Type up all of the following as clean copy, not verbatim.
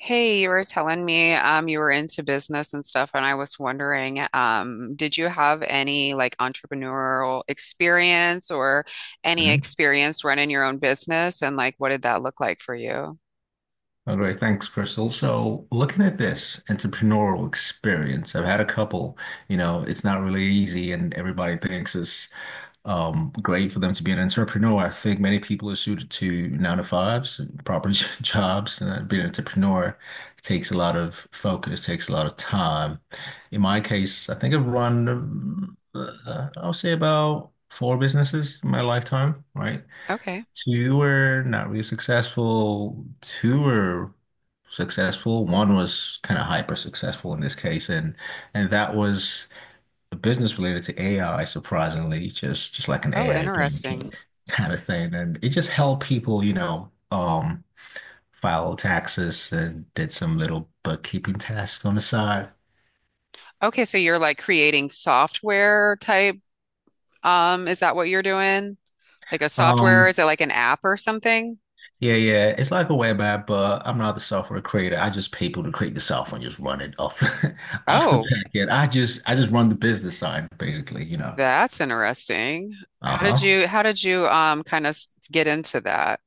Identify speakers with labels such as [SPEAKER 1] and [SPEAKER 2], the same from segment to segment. [SPEAKER 1] Hey, you were telling me you were into business and stuff, and I was wondering, did you have any like entrepreneurial experience or any
[SPEAKER 2] Mhm.
[SPEAKER 1] experience running your own business and like what did that look like for you?
[SPEAKER 2] All right, thanks, Crystal. So, looking at this entrepreneurial experience, I've had a couple. You know, it's not really easy, and everybody thinks it's great for them to be an entrepreneur. I think many people are suited to nine to fives, proper jobs, and being an entrepreneur takes a lot of focus, takes a lot of time. In my case, I think I've run, I'll say about four businesses in my lifetime, right?
[SPEAKER 1] Okay.
[SPEAKER 2] Two were not really successful. Two were successful. One was kind of hyper successful in this case, and that was a business related to AI, surprisingly, just like an
[SPEAKER 1] Oh,
[SPEAKER 2] AI blanket
[SPEAKER 1] interesting.
[SPEAKER 2] kind of thing. And it just helped people, you know, file taxes and did some little bookkeeping tasks on the side.
[SPEAKER 1] Okay, so you're like creating software type, is that what you're doing? Like a software,
[SPEAKER 2] Um,
[SPEAKER 1] is it like an app or something?
[SPEAKER 2] Yeah, yeah. It's like a web app, but I'm not the software creator. I just pay people to create the software and just run it off off the
[SPEAKER 1] Oh,
[SPEAKER 2] back end. I just run the business side, basically, you know.
[SPEAKER 1] that's interesting. How did
[SPEAKER 2] Uh-huh.
[SPEAKER 1] you how did you kind of get into that?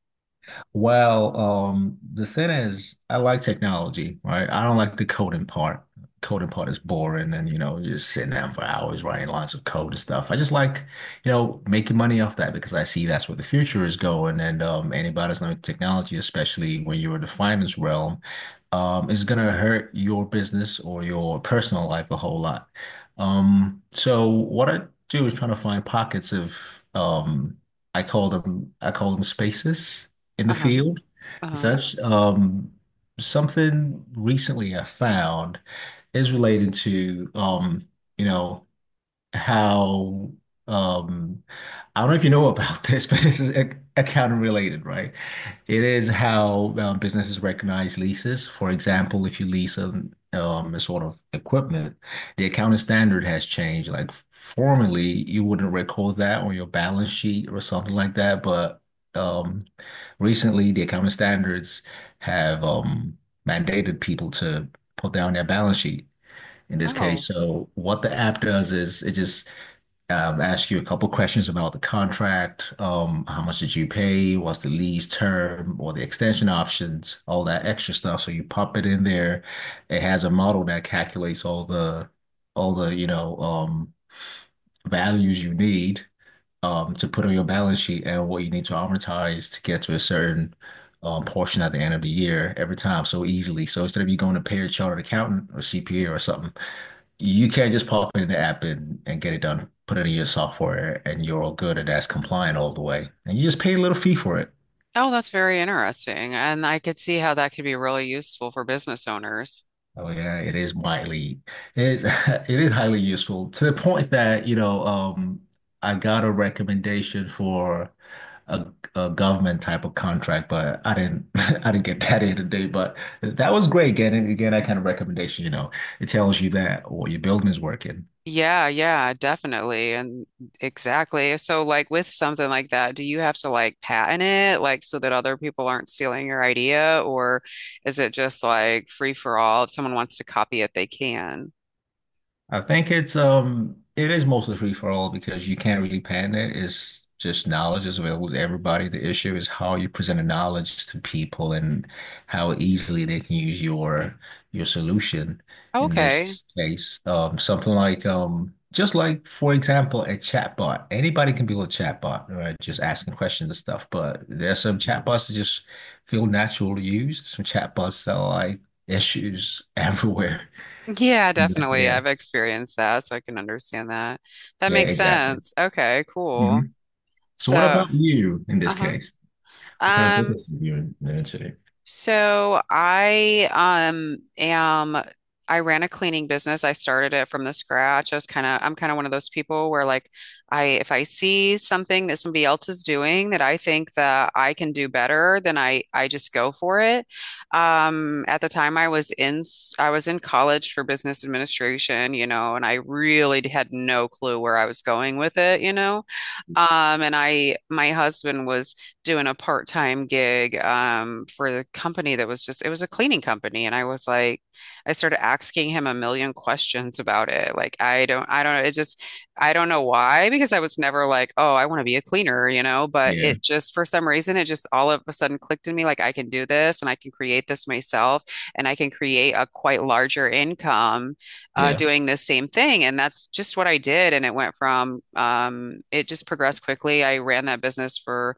[SPEAKER 2] Well, the thing is, I like technology, right? I don't like the coding part. Coding part is boring, and you know, you're sitting down for hours writing lots of code and stuff. I just like, you know, making money off that because I see that's where the future is going. And anybody's learning technology, especially when you're in the finance realm, is gonna hurt your business or your personal life a whole lot. So what I do is trying to find pockets of, um, I call them spaces in the
[SPEAKER 1] Uh-huh.
[SPEAKER 2] field. So
[SPEAKER 1] Uh-huh.
[SPEAKER 2] that's Something recently I found is related to you know how um I don't know if you know about this, but this is ac accounting related, right? It is how businesses recognize leases. For example, if you lease a sort of equipment, the accounting standard has changed. Like formerly, you wouldn't record that on your balance sheet or something like that, but um, recently the accounting standards have mandated people to put down their balance sheet in this
[SPEAKER 1] Oh,
[SPEAKER 2] case. So what the app does is it just ask you a couple questions about the contract. How much did you pay? What's the lease term or the extension options? All that extra stuff. So you pop it in there. It has a model that calculates all the all the you know um, values you need to put on your balance sheet and what you need to amortize to get to a certain portion at the end of the year every time so easily. So instead of you going to pay a chartered accountant or CPA or something, you can't just pop in the app and get it done. Put it in your software and you're all good, and that's compliant all the way. And you just pay a little fee for it.
[SPEAKER 1] oh, that's very interesting. And I could see how that could be really useful for business owners.
[SPEAKER 2] Oh yeah, it is widely, it is it is highly useful to the point that, you know, I got a recommendation for a, a government type of contract, but I didn't I didn't get that in today. But that was great getting again that kind of recommendation, you know. It tells you that or your building is working.
[SPEAKER 1] Yeah, yeah, definitely. And exactly. So, like with something like that, do you have to like patent it, like so that other people aren't stealing your idea, or is it just like free for all? If someone wants to copy it, they can.
[SPEAKER 2] I think it's it is mostly free for all because you can't really patent it. It's just knowledge is available to everybody. The issue is how you present the knowledge to people and how easily they can use your solution in
[SPEAKER 1] Okay.
[SPEAKER 2] this case. Something like just like for example a chatbot. Anybody can build a chatbot, right? Just asking questions and stuff. But there's some chatbots that just feel natural to use. Some chatbots that are like issues everywhere.
[SPEAKER 1] Yeah, definitely.
[SPEAKER 2] Yeah.
[SPEAKER 1] I've experienced that, so I can understand that. That
[SPEAKER 2] Yeah,
[SPEAKER 1] makes
[SPEAKER 2] exactly.
[SPEAKER 1] sense. Okay,
[SPEAKER 2] hmm
[SPEAKER 1] cool.
[SPEAKER 2] So what about
[SPEAKER 1] So,
[SPEAKER 2] you in this
[SPEAKER 1] uh-huh.
[SPEAKER 2] case? What kind of
[SPEAKER 1] Um,
[SPEAKER 2] business are you in managing?
[SPEAKER 1] so I ran a cleaning business. I started it from the scratch. I'm kind of one of those people where like I, if I see something that somebody else is doing that I think that I can do better, then I just go for it. Um, at the time I was in college for business administration, you know, and I really had no clue where I was going with it, you know. And I, my husband was doing a part-time gig, for the company that was just, it was a cleaning company. And I was like, I started asking him a million questions about it. Like, I don't know why, because I was never like, oh, I want to be a cleaner, you know, but
[SPEAKER 2] Yeah.
[SPEAKER 1] it just, for some reason, it just all of a sudden clicked in me. Like, I can do this and I can create this myself and I can create a quite larger income
[SPEAKER 2] Yeah.
[SPEAKER 1] doing the same thing. And that's just what I did. And it went from, it just progressed quickly. I ran that business for,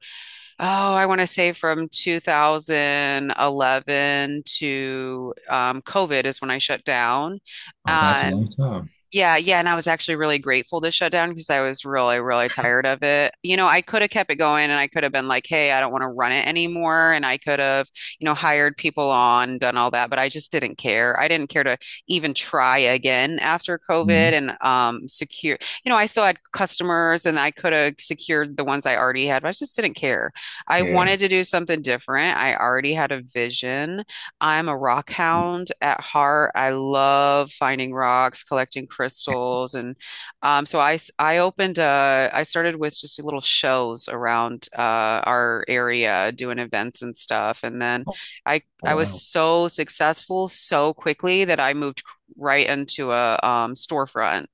[SPEAKER 1] oh, I want to say from 2011 to COVID is when I shut down.
[SPEAKER 2] Oh, that's a
[SPEAKER 1] Um,
[SPEAKER 2] long time.
[SPEAKER 1] yeah, yeah, and I was actually really grateful to shut down because I was really, really tired of it. You know, I could have kept it going and I could have been like, hey, I don't want to run it anymore. And I could have, you know, hired people on, done all that, but I just didn't care. I didn't care to even try again after COVID
[SPEAKER 2] Mhm.
[SPEAKER 1] and secure, you know, I still had customers and I could have secured the ones I already had, but I just didn't care. I
[SPEAKER 2] Yeah.
[SPEAKER 1] wanted to do something different. I already had a vision. I'm a rock hound at heart. I love finding rocks, collecting crystals, and so I opened I started with just little shows around our area, doing events and stuff, and then
[SPEAKER 2] Oh,
[SPEAKER 1] I was
[SPEAKER 2] wow.
[SPEAKER 1] so successful so quickly that I moved right into a storefront.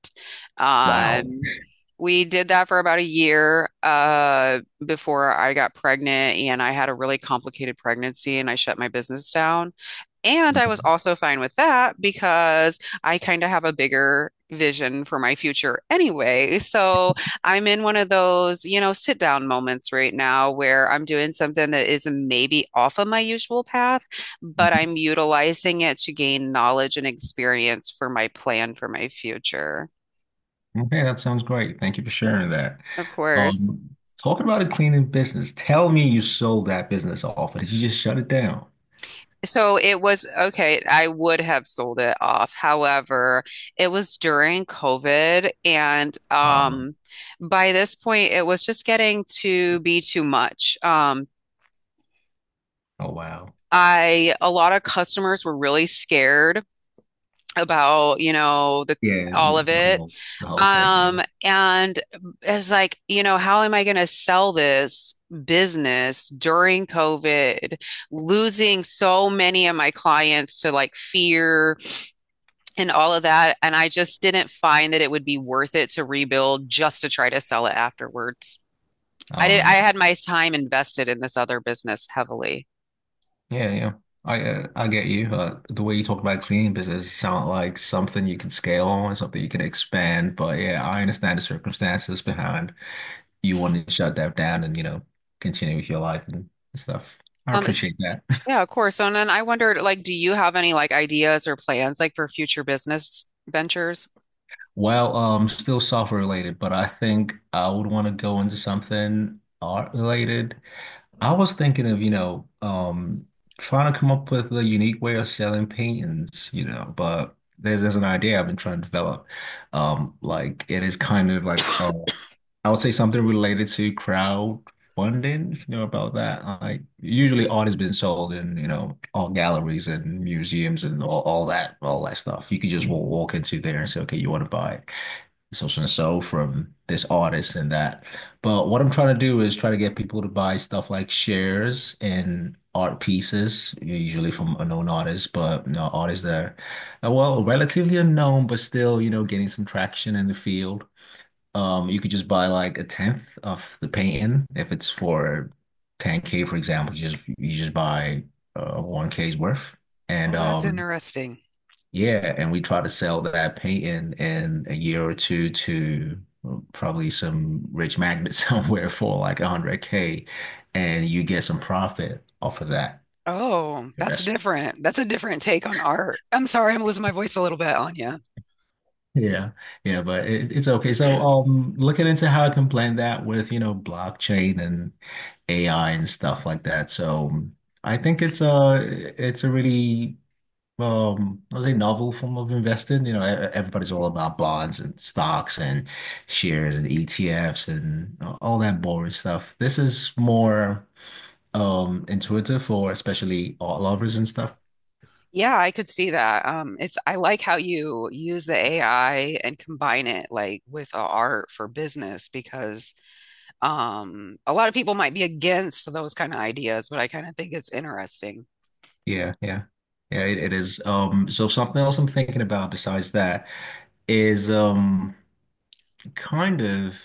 [SPEAKER 2] Wow.
[SPEAKER 1] Um, we did that for about a year before I got pregnant, and I had a really complicated pregnancy, and I shut my business down. And I was
[SPEAKER 2] Okay.
[SPEAKER 1] also fine with that because I kind of have a bigger vision for my future anyway. So I'm in one of those, you know, sit down moments right now where I'm doing something that is maybe off of my usual path, but
[SPEAKER 2] Mhm.
[SPEAKER 1] I'm utilizing it to gain knowledge and experience for my plan for my future.
[SPEAKER 2] Okay, that sounds great. Thank you for sharing that.
[SPEAKER 1] Of course.
[SPEAKER 2] Um, Talking about a cleaning business, tell me, you sold that business off, or did you just shut it down?
[SPEAKER 1] So it was okay. I would have sold it off. However, it was during COVID, and
[SPEAKER 2] Um,
[SPEAKER 1] by this point, it was just getting to be too much.
[SPEAKER 2] oh wow.
[SPEAKER 1] I a lot of customers were really scared about, you know, the
[SPEAKER 2] Yeah,
[SPEAKER 1] all of it.
[SPEAKER 2] the whole thing. You know?
[SPEAKER 1] And it was like, you know, how am I going to sell this business during COVID, losing so many of my clients to like fear? And all of that. And I just didn't find that it would be worth it to rebuild just to try to sell it afterwards. I
[SPEAKER 2] Oh
[SPEAKER 1] did, I
[SPEAKER 2] man.
[SPEAKER 1] had my time invested in this other business heavily.
[SPEAKER 2] Yeah, yeah. I get you. The way you talk about cleaning business sound like something you can scale on, something you can expand. But yeah, I understand the circumstances behind you wanting to shut that down and you know continue with your life and stuff. I
[SPEAKER 1] Is-
[SPEAKER 2] appreciate that.
[SPEAKER 1] yeah, of course. And then I wondered, like, do you have any like ideas or plans like for future business ventures?
[SPEAKER 2] Well, still software related, but I think I would want to go into something art related. I was thinking of, you know, trying to come up with a unique way of selling paintings, you know, but there's an idea I've been trying to develop. Like it is kind of like I would say something related to crowdfunding, if you know about that. Like usually art has been sold in, you know, all galleries and museums and all, all that stuff. You could just walk into there and say, okay, you want to buy it social and so from this artist and that. But what I'm trying to do is try to get people to buy stuff like shares and art pieces, usually from unknown artists, but you know, artists that are, well, relatively unknown, but still, you know, getting some traction in the field. You could just buy like a tenth of the painting if it's for 10K, for example, you just buy 1K's worth. And
[SPEAKER 1] Oh, that's interesting.
[SPEAKER 2] Yeah, and we try to sell that painting in a year or two to, well, probably some rich magnet somewhere for like 100K, and you get some profit off of that
[SPEAKER 1] Oh, that's
[SPEAKER 2] investment.
[SPEAKER 1] different. That's a different take on art. I'm sorry, I'm losing my voice a little bit, Anya.
[SPEAKER 2] Yeah, yeah, but it, it's okay. So, looking into how I can blend that with, you know, blockchain and AI and stuff like that. So, I think it's a really I was a novel form of investing. You know, everybody's all about bonds and stocks and shares and ETFs and all that boring stuff. This is more intuitive for especially art lovers and stuff.
[SPEAKER 1] Yeah, I could see that. It's I like how you use the AI and combine it like with a art for business because a lot of people might be against those kind of ideas, but I kind of think it's interesting.
[SPEAKER 2] Yeah, yeah. Yeah, it is. So something else I'm thinking about besides that is kind of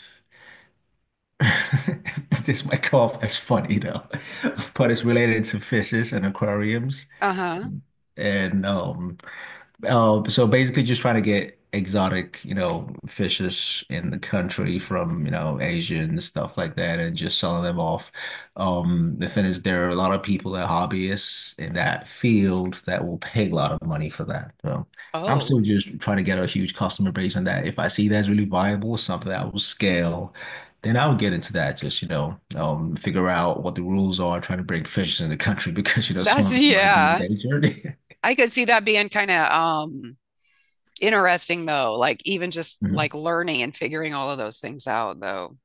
[SPEAKER 2] this might come off as funny though, but it's related to fishes and aquariums.
[SPEAKER 1] Uh-huh.
[SPEAKER 2] And so basically just trying to get exotic, you know, fishes in the country from, you know, Asia and stuff like that and just selling them off. The thing is there are a lot of people that are hobbyists in that field that will pay a lot of money for that. So I'm still
[SPEAKER 1] Oh,
[SPEAKER 2] just trying to get a huge customer base on that. If I see that's really viable, something that will scale, then I would get into that. Just, you know, figure out what the rules are trying to bring fishes in the country because, you know, some
[SPEAKER 1] that's
[SPEAKER 2] of them might be
[SPEAKER 1] yeah.
[SPEAKER 2] endangered.
[SPEAKER 1] I could see that being kind of interesting though, like even just like learning and figuring all of those things out though.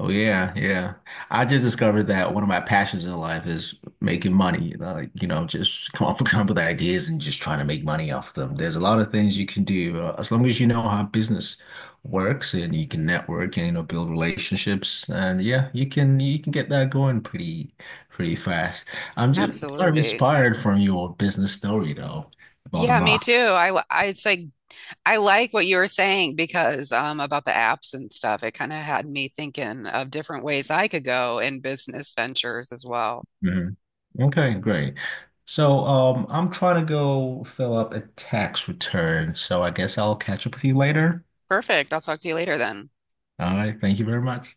[SPEAKER 2] Oh yeah, yeah. I just discovered that one of my passions in life is making money. You know, like, you know, just come up, come up with ideas and just trying to make money off them. There's a lot of things you can do as long as you know how business works and you can network and you know build relationships. And yeah, you can get that going pretty fast. I'm just kind of
[SPEAKER 1] Absolutely.
[SPEAKER 2] inspired from your business story though, about the
[SPEAKER 1] Yeah, me
[SPEAKER 2] rock.
[SPEAKER 1] too. I it's like I like what you were saying because about the apps and stuff. It kind of had me thinking of different ways I could go in business ventures as well.
[SPEAKER 2] Mhm. Okay, great. So, I'm trying to go fill up a tax return, so I guess I'll catch up with you later.
[SPEAKER 1] Perfect. I'll talk to you later then.
[SPEAKER 2] All right, thank you very much.